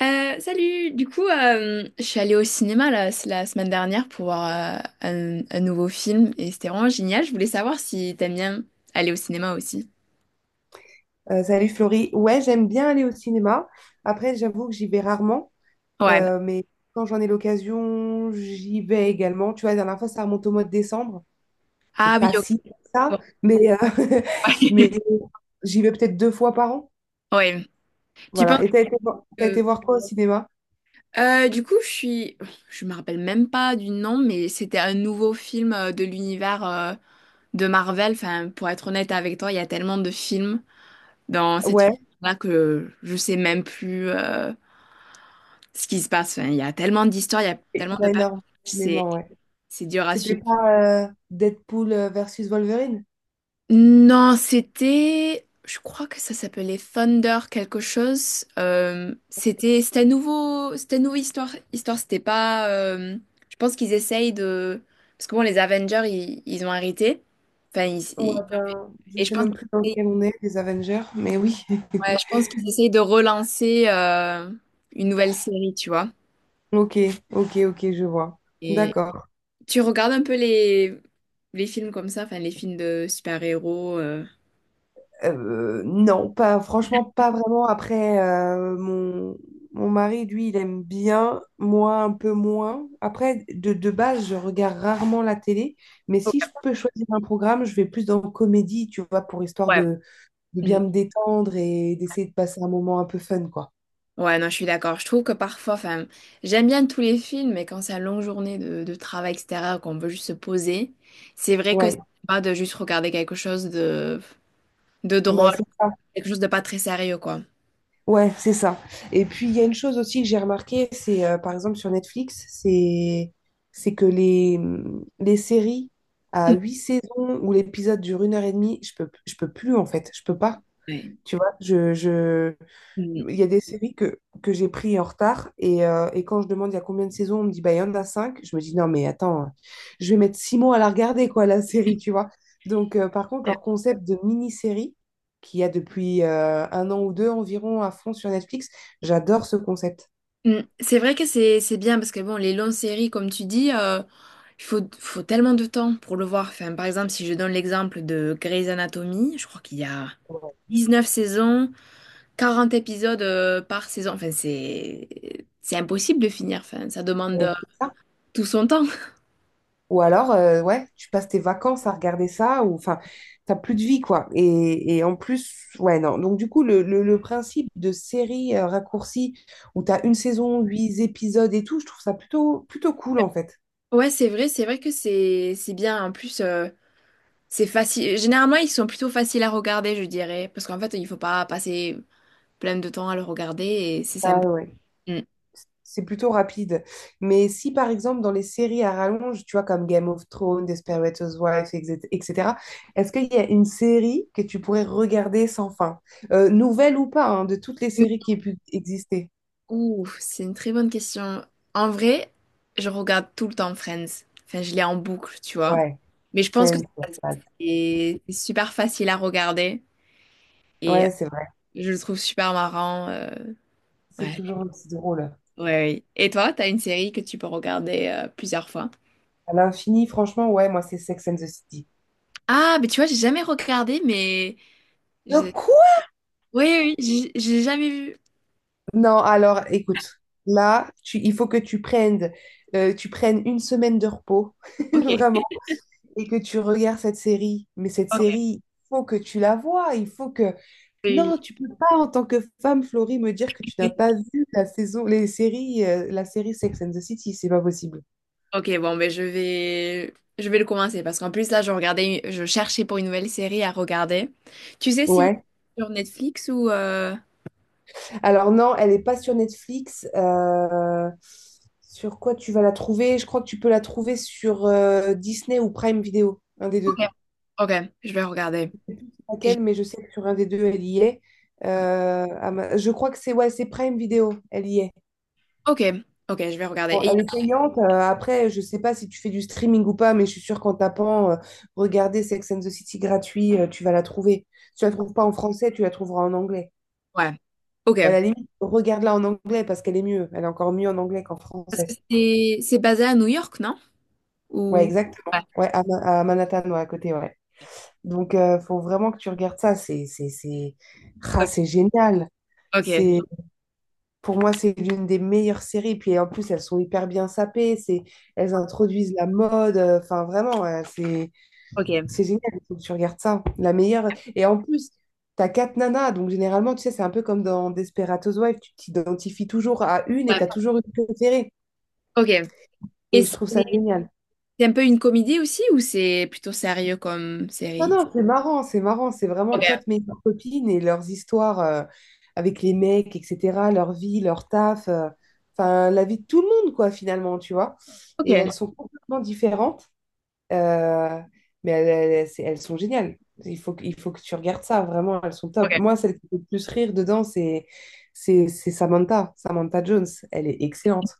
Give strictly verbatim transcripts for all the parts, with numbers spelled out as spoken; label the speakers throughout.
Speaker 1: Euh, salut! Du coup, euh, je suis allée au cinéma la, la semaine dernière pour voir euh, un, un nouveau film et c'était vraiment génial. Je voulais savoir si t'aimes bien aller au cinéma aussi.
Speaker 2: Euh, salut Florie. Ouais, j'aime bien aller au cinéma. Après, j'avoue que j'y vais rarement,
Speaker 1: Ouais.
Speaker 2: euh, mais quand j'en ai l'occasion, j'y vais également. Tu vois, la dernière fois, ça remonte au mois de décembre.
Speaker 1: Ah
Speaker 2: C'est
Speaker 1: oui,
Speaker 2: pas
Speaker 1: ok.
Speaker 2: si
Speaker 1: Ouais.
Speaker 2: ça, mais, euh, mais j'y vais peut-être deux fois par an.
Speaker 1: Ouais. Tu penses
Speaker 2: Voilà. Et t'as été, vo- t'as été
Speaker 1: que...
Speaker 2: voir quoi au cinéma?
Speaker 1: Euh, du coup, je suis... Je me rappelle même pas du nom, mais c'était un nouveau film euh, de l'univers euh, de Marvel. Enfin, pour être honnête avec toi, il y a tellement de films dans cet
Speaker 2: Ouais,
Speaker 1: univers-là que je sais même plus euh, ce qui se passe. Enfin, il y a tellement d'histoires, il y a
Speaker 2: il
Speaker 1: tellement
Speaker 2: y en
Speaker 1: de
Speaker 2: a
Speaker 1: personnages, c'est
Speaker 2: énormément, ouais.
Speaker 1: c'est dur à
Speaker 2: C'était
Speaker 1: suivre.
Speaker 2: pas euh, Deadpool euh, versus Wolverine?
Speaker 1: Non, c'était, je crois que ça s'appelait Thunder quelque chose. Euh, c'était c'était un nouveau, c'était une nouvelle histoire. Histoire, c'était pas, euh, je pense qu'ils essayent de, parce que bon, les Avengers, ils, ils ont arrêté. Enfin, ils-
Speaker 2: Ouais,
Speaker 1: ils-
Speaker 2: ben, je
Speaker 1: et je
Speaker 2: sais
Speaker 1: pense,
Speaker 2: même plus dans
Speaker 1: ouais,
Speaker 2: lequel on est, les Avengers, mais oui.
Speaker 1: je pense qu'ils essayent de relancer euh, une nouvelle série, tu vois.
Speaker 2: Ok, ok, ok, je vois. D'accord.
Speaker 1: Tu regardes un peu les, les films comme ça, enfin les films de super-héros. Euh.
Speaker 2: Euh, non, pas franchement, pas vraiment. Après, euh, mon, mon mari, lui, il aime bien, moi un peu moins. Après, de, de base, je regarde rarement la télé, mais
Speaker 1: Ok,
Speaker 2: si je peux choisir un programme, je vais plus dans comédie, tu vois, pour histoire
Speaker 1: ouais.
Speaker 2: de, de
Speaker 1: Mhm.
Speaker 2: bien me détendre et d'essayer de passer un moment un peu fun, quoi.
Speaker 1: Ouais, non, je suis d'accord. Je trouve que parfois, enfin, j'aime bien tous les films, mais quand c'est une longue journée de, de travail extérieur, qu'on veut juste se poser, c'est vrai que c'est
Speaker 2: Ouais,
Speaker 1: pas de juste regarder quelque chose de, de
Speaker 2: bah,
Speaker 1: drôle,
Speaker 2: c'est ça.
Speaker 1: quelque chose de pas très sérieux, quoi.
Speaker 2: Ouais, c'est ça. Et puis, il y a une chose aussi que j'ai remarqué, c'est euh, par exemple sur Netflix, c'est c'est que les, les séries à
Speaker 1: Mhm.
Speaker 2: huit saisons où l'épisode dure une heure et demie, je peux, je peux plus en fait, je peux pas.
Speaker 1: Ouais.
Speaker 2: Tu vois, je, je...
Speaker 1: Mhm.
Speaker 2: Il y a des séries que, que j'ai pris en retard et, euh, et quand je demande il y a combien de saisons, on me dit bah, il y en a cinq. Je me dis non, mais attends, je vais mettre six mois à la regarder, quoi, la série, tu vois. Donc, euh, par contre, leur concept de mini-série qu'il y a depuis euh, un an ou deux environ à fond sur Netflix, j'adore ce concept.
Speaker 1: Mm. C'est vrai que c'est c'est bien parce que bon, les longues séries comme tu dis, euh, il faut faut tellement de temps pour le voir. Enfin, par exemple, si je donne l'exemple de Grey's Anatomy, je crois qu'il y a
Speaker 2: Ouais.
Speaker 1: dix-neuf saisons, quarante épisodes euh, par saison. Enfin, c'est c'est impossible de finir. Enfin, ça demande
Speaker 2: Et
Speaker 1: euh,
Speaker 2: ça.
Speaker 1: tout son temps.
Speaker 2: Ou alors, euh, ouais, tu passes tes vacances à regarder ça, ou enfin, t'as plus de vie, quoi. Et, et en plus, ouais, non. Donc, du coup, le, le- le principe de série euh, raccourcie où t'as une saison, huit épisodes et tout, je trouve ça plutôt, plutôt cool, en fait.
Speaker 1: Ouais, c'est vrai, c'est vrai que c'est c'est bien. En plus, euh, c'est facile. Généralement, ils sont plutôt faciles à regarder, je dirais, parce qu'en fait, il faut pas passer plein de temps à le regarder et c'est
Speaker 2: Ah
Speaker 1: sympa.
Speaker 2: ouais.
Speaker 1: Mm.
Speaker 2: C'est plutôt rapide. Mais si, par exemple, dans les séries à rallonge, tu vois, comme Game of Thrones, Desperate Housewives, et cetera, et cetera, est-ce qu'il y a une série que tu pourrais regarder sans fin? Euh, nouvelle ou pas, hein, de toutes les séries qui aient pu exister?
Speaker 1: Ouh, c'est une très bonne question. En vrai, je regarde tout le temps Friends. Enfin, je l'ai en boucle, tu vois.
Speaker 2: Ouais,
Speaker 1: Mais je pense que
Speaker 2: Friends.
Speaker 1: c'est c'est super facile à regarder et euh,
Speaker 2: Ouais, c'est vrai.
Speaker 1: je le trouve super marrant. Euh,
Speaker 2: C'est
Speaker 1: Ouais,
Speaker 2: toujours aussi drôle.
Speaker 1: ouais, ouais. Et toi, t'as une série que tu peux regarder euh, plusieurs fois?
Speaker 2: À l'infini, franchement, ouais, moi, c'est Sex and the City.
Speaker 1: Ah, mais tu vois, j'ai jamais regardé, mais
Speaker 2: Le
Speaker 1: je-
Speaker 2: quoi?
Speaker 1: oui, oui, oui, j'ai j'ai jamais vu.
Speaker 2: Non, alors, écoute, là, tu, il faut que tu prennes, euh, tu prennes une semaine de repos,
Speaker 1: Ok,
Speaker 2: vraiment, et que tu regardes cette série. Mais cette
Speaker 1: ok.
Speaker 2: série, il faut que tu la vois. Il faut que...
Speaker 1: Oui,
Speaker 2: Non,
Speaker 1: oui.
Speaker 2: tu peux pas, en tant que femme, Florie, me dire que tu n'as pas vu la saison, les séries, euh, la série Sex and the City. C'est pas possible.
Speaker 1: Ok, bon, ben je vais, je vais le commencer parce qu'en plus là, je regardais, je cherchais pour une nouvelle série à regarder. Tu sais si
Speaker 2: Ouais.
Speaker 1: sur Netflix ou euh,
Speaker 2: Alors non, elle n'est pas sur Netflix. Euh, sur quoi tu vas la trouver? Je crois que tu peux la trouver sur euh, Disney ou Prime Video, un des
Speaker 1: ok,
Speaker 2: deux.
Speaker 1: ok, je vais regarder.
Speaker 2: Je sais plus sur
Speaker 1: Et- j'ai-
Speaker 2: laquelle, mais je sais que sur un des deux, elle y est. Euh, à ma- je crois que c'est ouais, c'est Prime Video, elle y est.
Speaker 1: Ok, ok, je vais regarder.
Speaker 2: Bon,
Speaker 1: Et...
Speaker 2: elle est payante. Euh, après, je sais pas si tu fais du streaming ou pas, mais je suis sûre qu'en tapant euh, Regardez Sex and the City gratuit, euh, tu vas la trouver. Si tu la trouves pas en français, tu la trouveras en anglais.
Speaker 1: Ouais, ok.
Speaker 2: Et à la limite, regarde-la en anglais parce qu'elle est mieux. Elle est encore mieux en anglais qu'en
Speaker 1: Parce que
Speaker 2: français.
Speaker 1: c'est c'est basé à New York, non?
Speaker 2: Ouais,
Speaker 1: Ou
Speaker 2: exactement.
Speaker 1: ouais,
Speaker 2: Ouais, à, Ma- à Manhattan, ouais, à côté, ouais. Donc, euh, faut vraiment que tu regardes ça. C'est, c'est, c'est, Ah,
Speaker 1: ok,
Speaker 2: c'est génial.
Speaker 1: ok,
Speaker 2: C'est, pour moi, c'est l'une des meilleures séries. Puis en plus, elles sont hyper bien sapées. C'est, elles introduisent la mode. euh, Enfin, vraiment, ouais, c'est,
Speaker 1: ok.
Speaker 2: c'est génial. Il faut que tu regardes ça. La meilleure. Et en plus, t'as quatre nanas. Donc, généralement, tu sais, c'est un peu comme dans Desperate Housewives. Tu t'identifies toujours à une et
Speaker 1: Ouais,
Speaker 2: t'as toujours une préférée.
Speaker 1: ok. Et
Speaker 2: Et je
Speaker 1: c'est
Speaker 2: trouve ça génial.
Speaker 1: c'est un peu une comédie aussi, ou c'est plutôt sérieux comme
Speaker 2: Non,
Speaker 1: série?
Speaker 2: non, c'est marrant, c'est marrant. C'est vraiment
Speaker 1: Ok,
Speaker 2: quatre meilleures copines et leurs histoires euh, avec les mecs, et cetera. Leur vie, leur taf, euh, enfin, la vie de tout le monde, quoi, finalement, tu vois. Et elles
Speaker 1: ok,
Speaker 2: sont complètement différentes, euh, mais elles, elles- c'est- elles sont géniales. Il faut, que- il faut que tu regardes ça, vraiment, elles sont top.
Speaker 1: ok.
Speaker 2: Moi, celle qui fait le plus rire dedans, c'est c'est- c'est Samantha, Samantha Jones. Elle est excellente.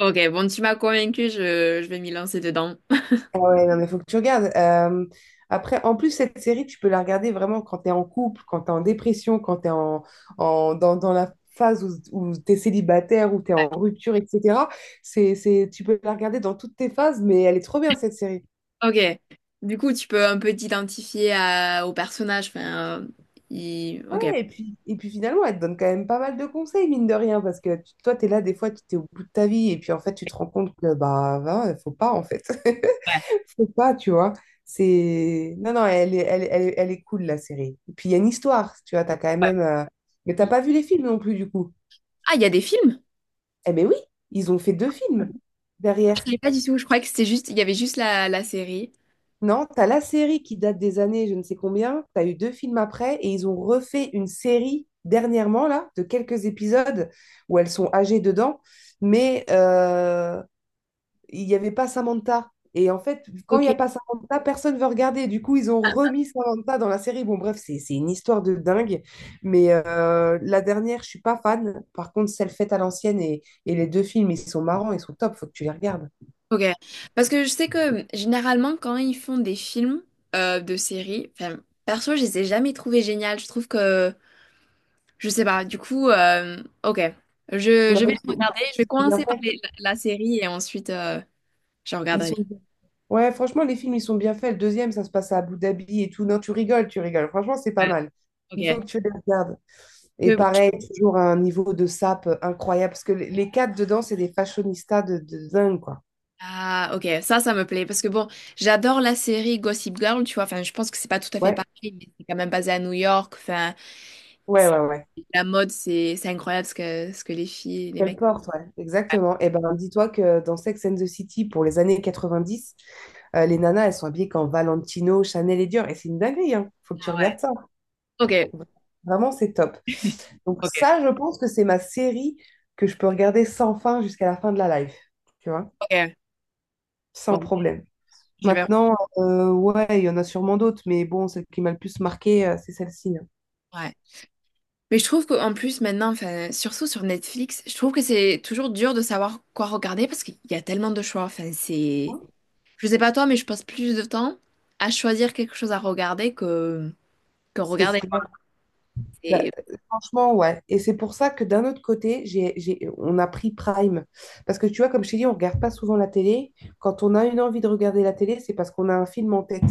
Speaker 1: Ok, bon, tu m'as convaincu, je, je vais m'y lancer dedans.
Speaker 2: Ouais, non, mais faut que tu regardes. Euh, après, en plus, cette série, tu peux la regarder vraiment quand tu es en couple, quand tu es en dépression, quand tu es en, en- dans, dans la phase où, tu es célibataire, où tu es en rupture, et cetera. C'est, c'est, tu peux la regarder dans toutes tes phases, mais elle est trop bien, cette série.
Speaker 1: Ok. Du coup, tu peux un peu t'identifier à- au personnage. Enfin, euh, il-
Speaker 2: Ouais,
Speaker 1: ok. Ouais,
Speaker 2: et puis, et puis finalement, elle te donne quand même pas mal de conseils, mine de rien, parce que tu- toi, tu es là, des fois, tu es au bout de ta vie, et puis en fait, tu te rends compte que, bah, il faut pas, en fait. Faut pas, tu vois. C'est... Non, non, elle est, elle, est- elle, est elle est cool, la série. Et puis, il y a une histoire, tu vois, t'as quand
Speaker 1: ouais.
Speaker 2: même... euh, Mais t'as
Speaker 1: Mm.
Speaker 2: pas vu les films non plus, du coup.
Speaker 1: Ah, il y a des films?
Speaker 2: Eh ben oui, ils ont fait deux films
Speaker 1: Je
Speaker 2: derrière.
Speaker 1: savais pas du tout. Je croyais que c'était juste, il y avait juste la, la série.
Speaker 2: Non, t'as la série qui date des années je ne sais combien, t'as eu deux films après, et ils ont refait une série dernièrement, là, de quelques épisodes où elles sont âgées dedans. Mais euh, il n'y avait pas Samantha. Et en fait, quand il n'y
Speaker 1: Ok.
Speaker 2: a pas Samantha, personne ne veut regarder. Du coup, ils ont remis Samantha dans la série. Bon, bref, c'est c'est une histoire de dingue. Mais euh, la dernière, je suis pas fan. Par contre, celle faite à l'ancienne et, et les deux films, ils sont marrants, ils sont top. Faut que tu les regardes.
Speaker 1: Ok. Parce que je sais que généralement, quand ils font des films euh, de séries, enfin, perso, je les ai jamais trouvés géniales. Je trouve que, je sais pas. Du coup, euh, ok. Je,
Speaker 2: Non,
Speaker 1: je vais
Speaker 2: ils
Speaker 1: le
Speaker 2: sont-
Speaker 1: regarder. Je vais
Speaker 2: ils sont bien
Speaker 1: commencer par
Speaker 2: faits.
Speaker 1: les- la, la série et ensuite, euh, je
Speaker 2: Ils
Speaker 1: regarderai.
Speaker 2: sont... Ouais, franchement, les films, ils sont bien faits. Le deuxième, ça se passe à Abu Dhabi et tout. Non, tu rigoles, tu rigoles. Franchement, c'est pas mal. Il faut
Speaker 1: Ouais,
Speaker 2: que tu les regardes. Et
Speaker 1: ok.
Speaker 2: pareil, toujours un niveau de sap euh, incroyable. Parce que les les quatre dedans, c'est des fashionistas de, de dingue, quoi.
Speaker 1: Ah, ok, ça, ça me plaît. Parce que bon, j'adore la série Gossip Girl, tu vois. Enfin, je pense que c'est pas tout à fait
Speaker 2: Ouais,
Speaker 1: pareil, mais c'est quand même basé à New York. Enfin,
Speaker 2: ouais,
Speaker 1: c'est-
Speaker 2: ouais, ouais.
Speaker 1: la mode, c'est c'est incroyable ce que, ce que les filles, et les
Speaker 2: Quelle
Speaker 1: mecs.
Speaker 2: porte, ouais. Exactement. Et ben, dis-toi que dans Sex and the City, pour les années quatre-vingt-dix, euh, les nanas, elles sont habillées qu'en Valentino, Chanel et Dior. Et c'est une dinguerie, hein. Faut que tu
Speaker 1: Ah ouais.
Speaker 2: regardes ça.
Speaker 1: Ok,
Speaker 2: Vraiment, c'est top. Donc
Speaker 1: ok,
Speaker 2: ça, je pense que c'est ma série que je peux regarder sans fin jusqu'à la fin de la live, tu vois,
Speaker 1: ok.
Speaker 2: sans
Speaker 1: Bon,
Speaker 2: problème.
Speaker 1: je vais.
Speaker 2: Maintenant, euh, ouais, il y en a sûrement d'autres, mais bon, celle qui m'a le plus marqué, euh, c'est celle-ci.
Speaker 1: Ouais. Mais je trouve qu'en plus, maintenant, enfin, surtout sur Netflix, je trouve que c'est toujours dur de savoir quoi regarder parce qu'il y a tellement de choix. Enfin, c'est.
Speaker 2: Hein.
Speaker 1: Je sais pas toi, mais je passe plus de temps à choisir quelque chose à regarder que, que
Speaker 2: C'est
Speaker 1: regarder.
Speaker 2: clair. Bah,
Speaker 1: C'est-
Speaker 2: euh, franchement, ouais. Et c'est pour ça que d'un autre côté, j'ai, j'ai- on a pris Prime. Parce que tu vois, comme je t'ai dit, on regarde pas souvent la télé. Quand on a une envie de regarder la télé, c'est parce qu'on a un film en tête.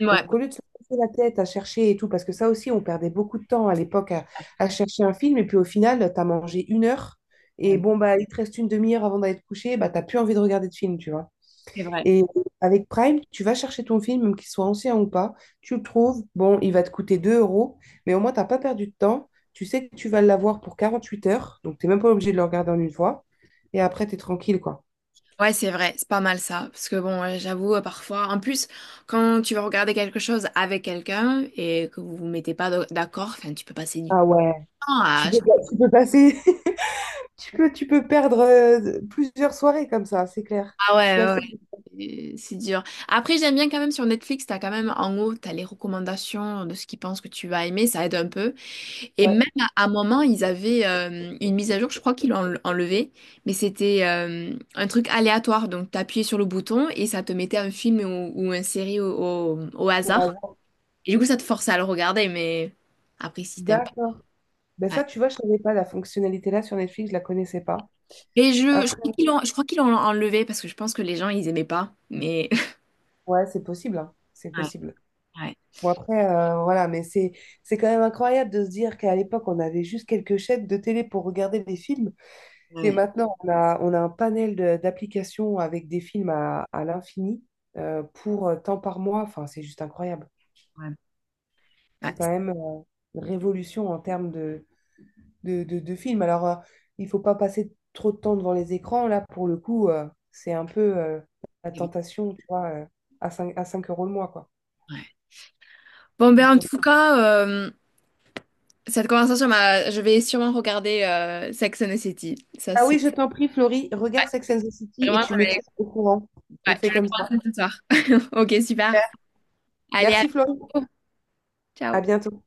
Speaker 1: ouais, ouais,
Speaker 2: Donc, au lieu de se casser la tête à chercher et tout, parce que ça aussi, on perdait beaucoup de temps à l'époque à, à chercher un film. Et puis, au final, tu as mangé une heure. Et
Speaker 1: ouais,
Speaker 2: bon, bah, il te reste une demi-heure avant d'aller te coucher. Bah, t'as plus envie de regarder de film, tu vois.
Speaker 1: c'est vrai.
Speaker 2: Et avec Prime, tu vas chercher ton film, même qu'il soit ancien ou pas, tu le trouves, bon, il va te coûter deux euros, mais au moins, tu n'as pas perdu de temps. Tu sais que tu vas l'avoir pour quarante-huit heures, donc tu n'es même pas obligé de le regarder en une fois. Et après, tu es tranquille, quoi.
Speaker 1: Ouais, c'est vrai, c'est pas mal ça. Parce que bon, euh, j'avoue, euh, parfois, en plus, quand tu vas regarder quelque chose avec quelqu'un et que vous vous mettez pas d'ac- d'accord, enfin, tu peux passer du
Speaker 2: Ah ouais,
Speaker 1: temps à...
Speaker 2: tu peux, tu peux passer, tu peux, tu peux perdre euh, plusieurs soirées comme ça, c'est clair.
Speaker 1: Ah
Speaker 2: Je suis
Speaker 1: ouais, ouais,
Speaker 2: assez...
Speaker 1: ouais, euh, c'est dur. Après, j'aime bien quand même sur Netflix, t'as quand même en haut, t'as les recommandations de ce qu'ils pensent que tu vas aimer, ça aide un peu. Et
Speaker 2: Ouais,
Speaker 1: même à à un moment, ils avaient euh, une mise à jour, je crois qu'ils l'ont enle- enlevée, mais c'était euh, un truc aléatoire. Donc, t'appuyais sur le bouton et ça te mettait un film ou, ou une série au, au au
Speaker 2: au
Speaker 1: hasard.
Speaker 2: hasard.
Speaker 1: Et du coup, ça te force à le regarder, mais après, si t'aimes pas.
Speaker 2: D'accord. Ben
Speaker 1: Ouais.
Speaker 2: ça, tu vois, je savais pas, la fonctionnalité là sur Netflix, je la connaissais pas.
Speaker 1: Et je, je
Speaker 2: Après,
Speaker 1: crois qu'ils l'ont, je crois qu'ils l'ont enlevé parce que je pense que les gens, ils aimaient pas. Mais.
Speaker 2: ouais, c'est possible, hein. C'est
Speaker 1: Ouais,
Speaker 2: possible.
Speaker 1: ouais,
Speaker 2: Bon, après, euh, voilà, mais c'est c'est quand même incroyable de se dire qu'à l'époque, on avait juste quelques chaînes de télé pour regarder des films. Et
Speaker 1: ouais,
Speaker 2: maintenant, on a, on a un panel de- d'applications avec des films à, à l'infini euh, pour euh, tant par mois. Enfin, c'est juste incroyable.
Speaker 1: ouais. Ouais,
Speaker 2: C'est quand même euh, une révolution en termes de, de, de, de films. Alors, euh, il faut pas passer trop de temps devant les écrans. Là, pour le coup, euh, c'est un peu euh, la
Speaker 1: c'est vrai,
Speaker 2: tentation, tu vois, euh, à cinq à cinq euros le mois, quoi.
Speaker 1: ouais. Bon, ben, en tout cas, euh, cette conversation m'a. Je vais sûrement regarder euh, Sex and the City. Ça,
Speaker 2: Ah oui,
Speaker 1: c'est.
Speaker 2: je t'en prie, Florie, regarde Sex and the City et
Speaker 1: Vraiment,
Speaker 2: tu
Speaker 1: je
Speaker 2: me
Speaker 1: vais,
Speaker 2: tiens au courant. On
Speaker 1: ouais, je
Speaker 2: fait
Speaker 1: vais
Speaker 2: comme
Speaker 1: le
Speaker 2: ça.
Speaker 1: commencer ce soir. Ok, super. Allez, à
Speaker 2: Merci, Florie. À bientôt.